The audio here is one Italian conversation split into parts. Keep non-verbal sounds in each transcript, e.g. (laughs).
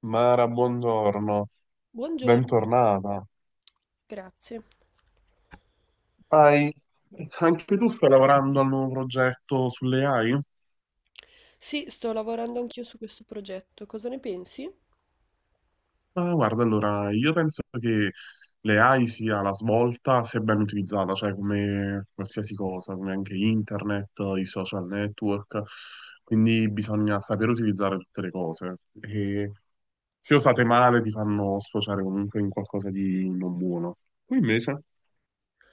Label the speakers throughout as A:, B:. A: Mara, buongiorno,
B: Buongiorno,
A: bentornata.
B: grazie.
A: Hai, anche tu stai lavorando al nuovo progetto sulle AI?
B: Sì, sto lavorando anch'io su questo progetto. Cosa ne pensi?
A: Ma guarda, allora, io penso che le AI sia la svolta se ben utilizzata, cioè come qualsiasi cosa, come anche internet, i social network, quindi bisogna sapere utilizzare tutte le cose. E se usate male ti fanno sfociare comunque in qualcosa di non buono. Tu invece?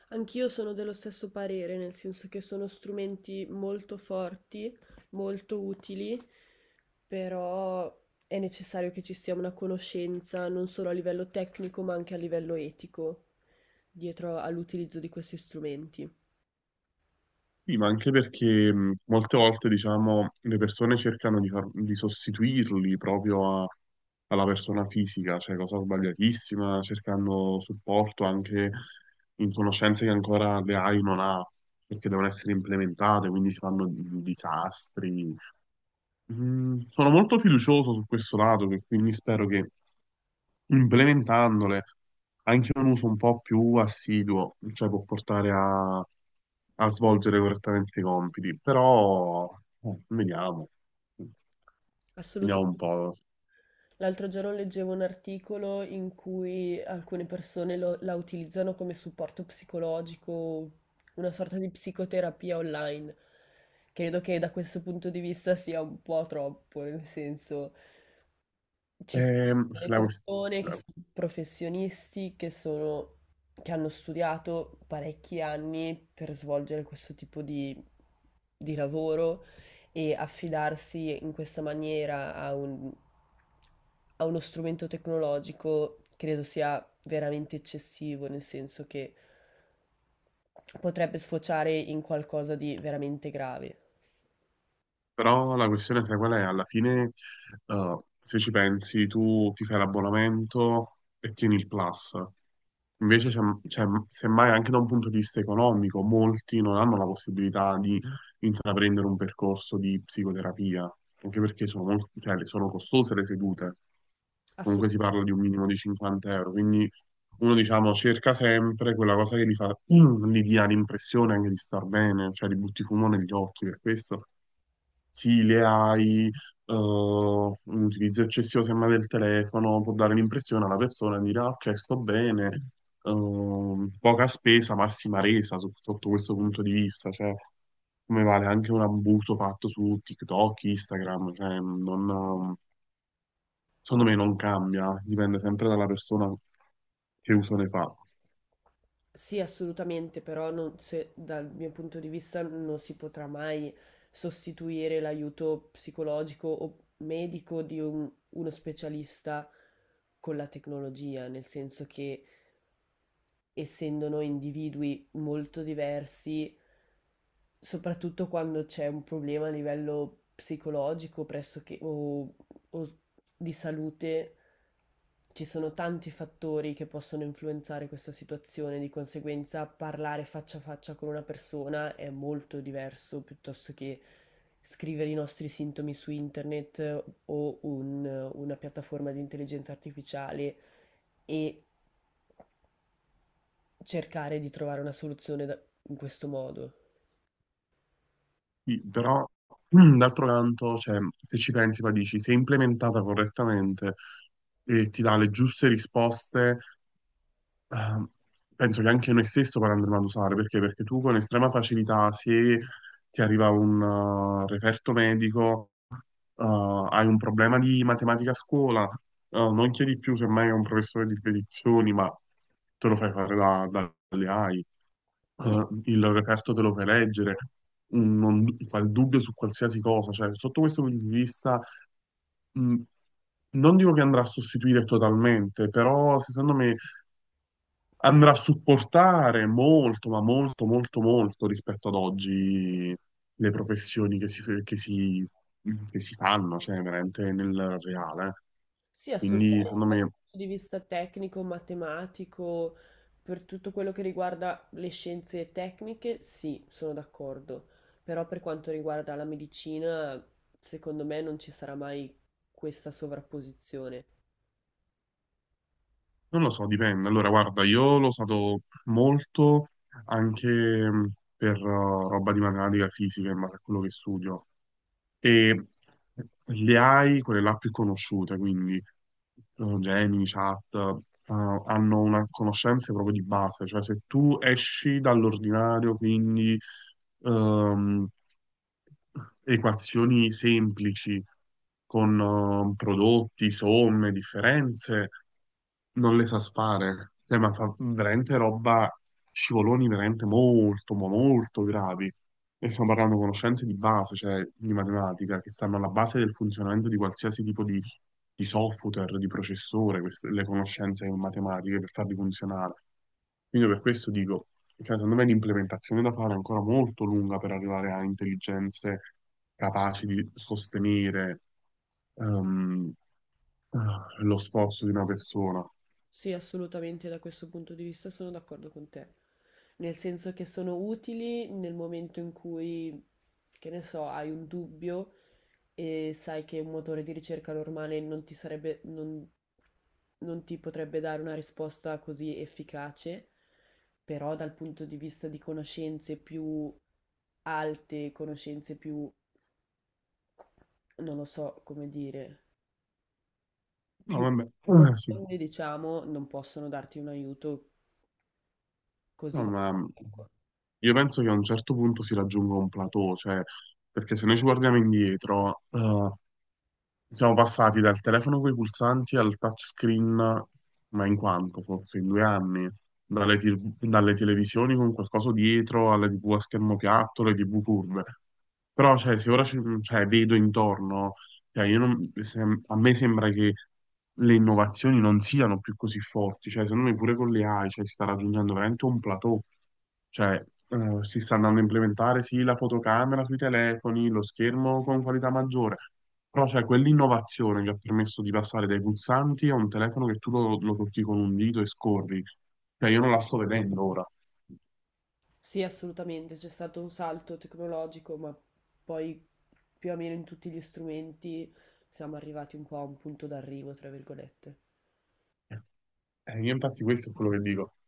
B: Anch'io sono dello stesso parere, nel senso che sono strumenti molto forti, molto utili, però è necessario che ci sia una conoscenza non solo a livello tecnico, ma anche a livello etico dietro all'utilizzo di questi strumenti.
A: Sì, ma anche perché molte volte, diciamo, le persone cercano di sostituirli proprio alla persona fisica, cioè cosa sbagliatissima, cercando supporto anche in conoscenze che ancora le AI non ha, perché devono essere implementate, quindi si fanno disastri. Sono molto fiducioso su questo lato, che quindi spero che implementandole anche un uso un po' più assiduo, cioè può portare a svolgere correttamente i compiti, però vediamo, vediamo
B: Assolutamente,
A: un po'.
B: sì. L'altro giorno leggevo un articolo in cui alcune persone la utilizzano come supporto psicologico, una sorta di psicoterapia online. Credo che da questo punto di vista sia un po' troppo, nel senso, ci sono
A: Ehm,
B: le
A: la, quest-
B: persone che sono professionisti, che sono, che hanno studiato parecchi anni per svolgere questo tipo di lavoro e affidarsi in questa maniera a a uno strumento tecnologico credo sia veramente eccessivo, nel senso che potrebbe sfociare in qualcosa di veramente grave.
A: Però la questione, sai qual è? Alla fine, se ci pensi, tu ti fai l'abbonamento e tieni il Plus. Invece, semmai anche da un punto di vista economico, molti non hanno la possibilità di intraprendere un percorso di psicoterapia, anche perché sono, molto, cioè, sono costose le sedute. Comunque si
B: Assolutamente.
A: parla di un minimo di 50 euro, quindi uno, diciamo, cerca sempre quella cosa che gli fa, gli dia l'impressione anche di star bene, cioè li butti fumo negli occhi per questo. Sì, le AI, un utilizzo eccessivo semmai del telefono può dare l'impressione alla persona di dire "Ah, ok, sto bene, poca spesa, massima resa sotto questo punto di vista, cioè come vale anche un abuso fatto su TikTok, Instagram, cioè non, secondo me non cambia, dipende sempre dalla persona che uso ne fa.
B: Sì, assolutamente, però non, se, dal mio punto di vista non si potrà mai sostituire l'aiuto psicologico o medico di uno specialista con la tecnologia, nel senso che essendo noi individui molto diversi, soprattutto quando c'è un problema a livello psicologico pressoché o di salute, ci sono tanti fattori che possono influenzare questa situazione, di conseguenza parlare faccia a faccia con una persona è molto diverso piuttosto che scrivere i nostri sintomi su internet o una piattaforma di intelligenza artificiale e cercare di trovare una soluzione in questo modo.
A: Sì, però (clears throat) d'altro canto, cioè, se ci pensi, poi dici, se implementata correttamente e ti dà le giuste risposte, eh, penso che anche noi stesso poi andremo ad usare, perché? Perché tu con estrema facilità, se ti arriva un referto medico, eh, hai un problema di matematica a scuola, non chiedi più semmai a un professore di spedizioni, ma te lo fai fare dalle AI
B: Sì,
A: il referto te lo fai leggere, mm, non, qual dubbio su qualsiasi cosa, cioè sotto questo punto di vista mm, non dico che andrà a sostituire totalmente, però secondo me andrà a supportare molto, ma molto, molto, molto rispetto ad oggi le professioni che si fanno, cioè veramente nel reale.
B: sì, assolutamente
A: Quindi secondo
B: dal
A: me
B: punto di vista tecnico, matematico, per tutto quello che riguarda le scienze tecniche, sì, sono d'accordo. Però per quanto riguarda la medicina, secondo me non ci sarà mai questa sovrapposizione.
A: non lo so, dipende. Allora, guarda, io l'ho usato molto anche per roba di matematica fisica, ma per quello che studio. E le AI, quelle là più conosciute, quindi Gemini, Chat, hanno una conoscenza proprio di base. Cioè, se tu esci dall'ordinario, quindi ehm, equazioni semplici con prodotti, somme, differenze non le sa fare. Cioè, ma fa veramente roba, scivoloni veramente molto, ma molto gravi. E stiamo parlando di conoscenze di base, cioè di matematica, che stanno alla base del funzionamento di qualsiasi tipo di software, di processore, le conoscenze matematiche per farli funzionare. Quindi per questo dico, cioè, secondo me l'implementazione da fare è ancora molto lunga per arrivare a intelligenze capaci di sostenere ehm, lo sforzo di una persona.
B: Sì, assolutamente da questo punto di vista sono d'accordo con te. Nel senso che sono utili nel momento in cui, che ne so, hai un dubbio e sai che un motore di ricerca normale non ti sarebbe, non, non ti potrebbe dare una risposta così efficace, però dal punto di vista di conoscenze più alte, conoscenze più, non lo so come dire,
A: No,
B: più
A: vabbè, sì.
B: profonde, diciamo, non possono darti un aiuto così
A: No, ma
B: valido, ecco.
A: io penso che a un certo punto si raggiunga un plateau, cioè, perché se noi ci guardiamo indietro, siamo passati dal telefono con i pulsanti al touchscreen, ma in quanto forse in 2 anni, TV dalle televisioni con qualcosa dietro alle TV a schermo piatto, le TV curve. Però, cioè, se ora cioè, vedo intorno, cioè, io non- se- a me sembra che le innovazioni non siano più così forti, cioè, secondo me pure con le AI, cioè, si sta raggiungendo veramente un plateau. Cioè, si sta andando a implementare sì la fotocamera sui telefoni, lo schermo con qualità maggiore, però c'è quell'innovazione che ha permesso di passare dai pulsanti a un telefono che tu lo tocchi con un dito e scorri. Cioè, io non la sto vedendo ora.
B: Sì, assolutamente, c'è stato un salto tecnologico, ma poi più o meno in tutti gli strumenti siamo arrivati un po' a un punto d'arrivo, tra virgolette.
A: Io infatti questo è quello che dico. (laughs)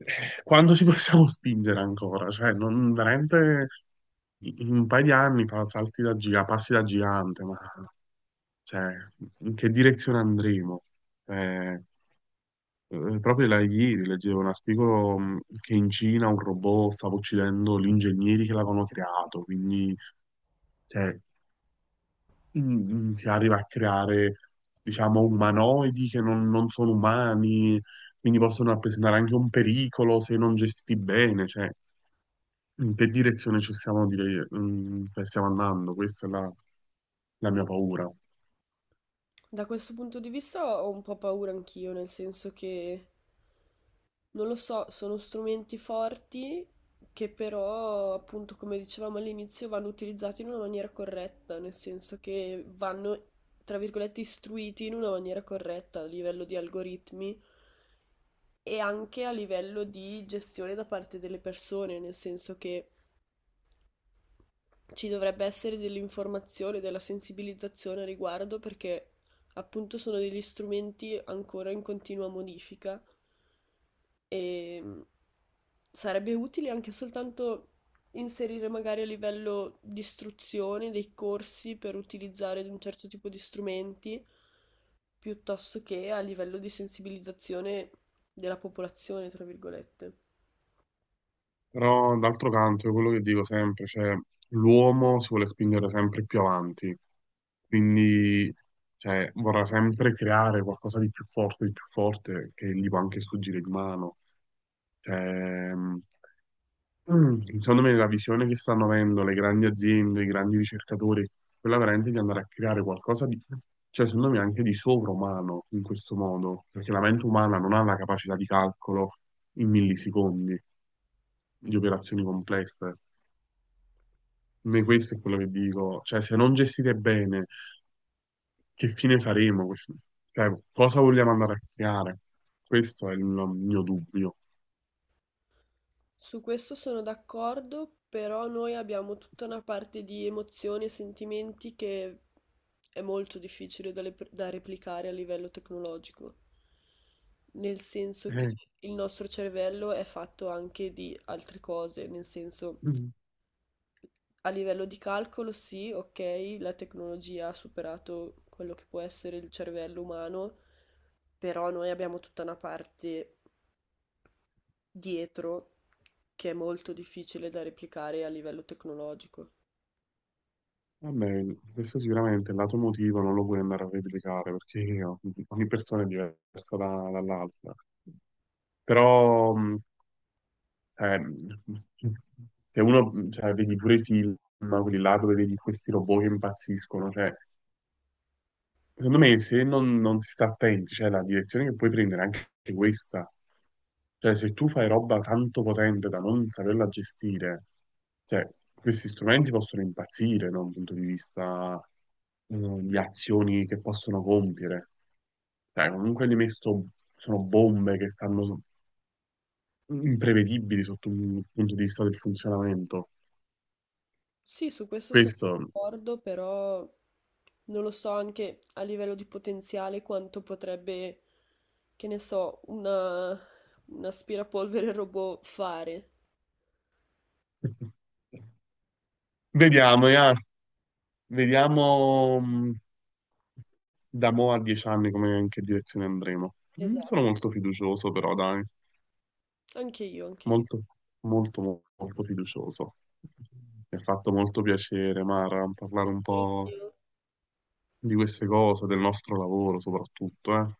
A: Quando ci possiamo (laughs) spingere ancora? Cioè, non, veramente in un paio di anni fa salti da gigante, passi da gigante, ma cioè, in che direzione andremo? Eh, Proprio là ieri leggevo un articolo che in Cina un robot stava uccidendo gli ingegneri che l'avevano creato, quindi cioè, mh, si arriva a creare, diciamo, umanoidi che non, non sono umani, quindi possono rappresentare anche un pericolo se non gestiti bene, cioè, in che direzione ci stiamo, stiamo andando? Questa è la la mia paura.
B: Da questo punto di vista ho un po' paura anch'io, nel senso che, non lo so, sono strumenti forti che però, appunto, come dicevamo all'inizio, vanno utilizzati in una maniera corretta, nel senso che vanno, tra virgolette, istruiti in una maniera corretta a livello di algoritmi e anche a livello di gestione da parte delle persone, nel senso che ci dovrebbe essere dell'informazione, della sensibilizzazione a riguardo perché appunto sono degli strumenti ancora in continua modifica e sarebbe utile anche soltanto inserire magari a livello di istruzione dei corsi per utilizzare un certo tipo di strumenti piuttosto che a livello di sensibilizzazione della popolazione, tra virgolette.
A: Però d'altro canto è quello che dico sempre, cioè l'uomo si vuole spingere sempre più avanti, quindi cioè, vorrà sempre creare qualcosa di più forte, che gli può anche sfuggire di mano. Cioè, secondo me la visione che stanno avendo le grandi aziende, i grandi ricercatori, quella veramente di andare a creare qualcosa di, cioè secondo me anche di sovrumano in questo modo, perché la mente umana non ha la capacità di calcolo in millisecondi di operazioni complesse. Me questo è quello che dico, cioè se non gestite bene, che fine faremo? Cioè, cosa vogliamo andare a creare? Questo è il mio dubbio.
B: Su questo sono d'accordo, però noi abbiamo tutta una parte di emozioni e sentimenti che è molto difficile da, da replicare a livello tecnologico, nel senso che
A: Eh,
B: il nostro cervello è fatto anche di altre cose, nel senso
A: (clears throat) mm,
B: a livello di calcolo sì, ok, la tecnologia ha superato quello che può essere il cervello umano, però noi abbiamo tutta una parte dietro che è molto difficile da replicare a livello tecnologico.
A: vabbè, questo sicuramente il lato emotivo non lo puoi andare a replicare perché ogni persona è diversa dall'altra. Però, eh, se uno, cioè, vedi pure i film, quelli là dove vedi questi robot che impazziscono, cioè secondo me, se non, non si sta attenti, cioè la direzione che puoi prendere è anche questa. Cioè, se tu fai roba tanto potente da non saperla gestire, cioè, questi strumenti possono impazzire, da un punto di vista, eh, di azioni che possono compiere. Cioè, comunque li messo, sono bombe che imprevedibili sotto un punto di vista del funzionamento.
B: Sì, su questo sono
A: Questo...
B: d'accordo, però non lo so anche a livello di potenziale quanto potrebbe, che ne so, una, un aspirapolvere robot fare.
A: (laughs) Vediamo, ya. Vediamo... da mo' a 10 anni come in che direzione andremo? Sono
B: Esatto,
A: molto fiducioso però, dai,
B: anche io, anche
A: molto, molto, molto fiducioso. Mi ha fatto molto piacere, Mara, parlare un po'
B: io.
A: di queste cose, del nostro lavoro soprattutto, eh.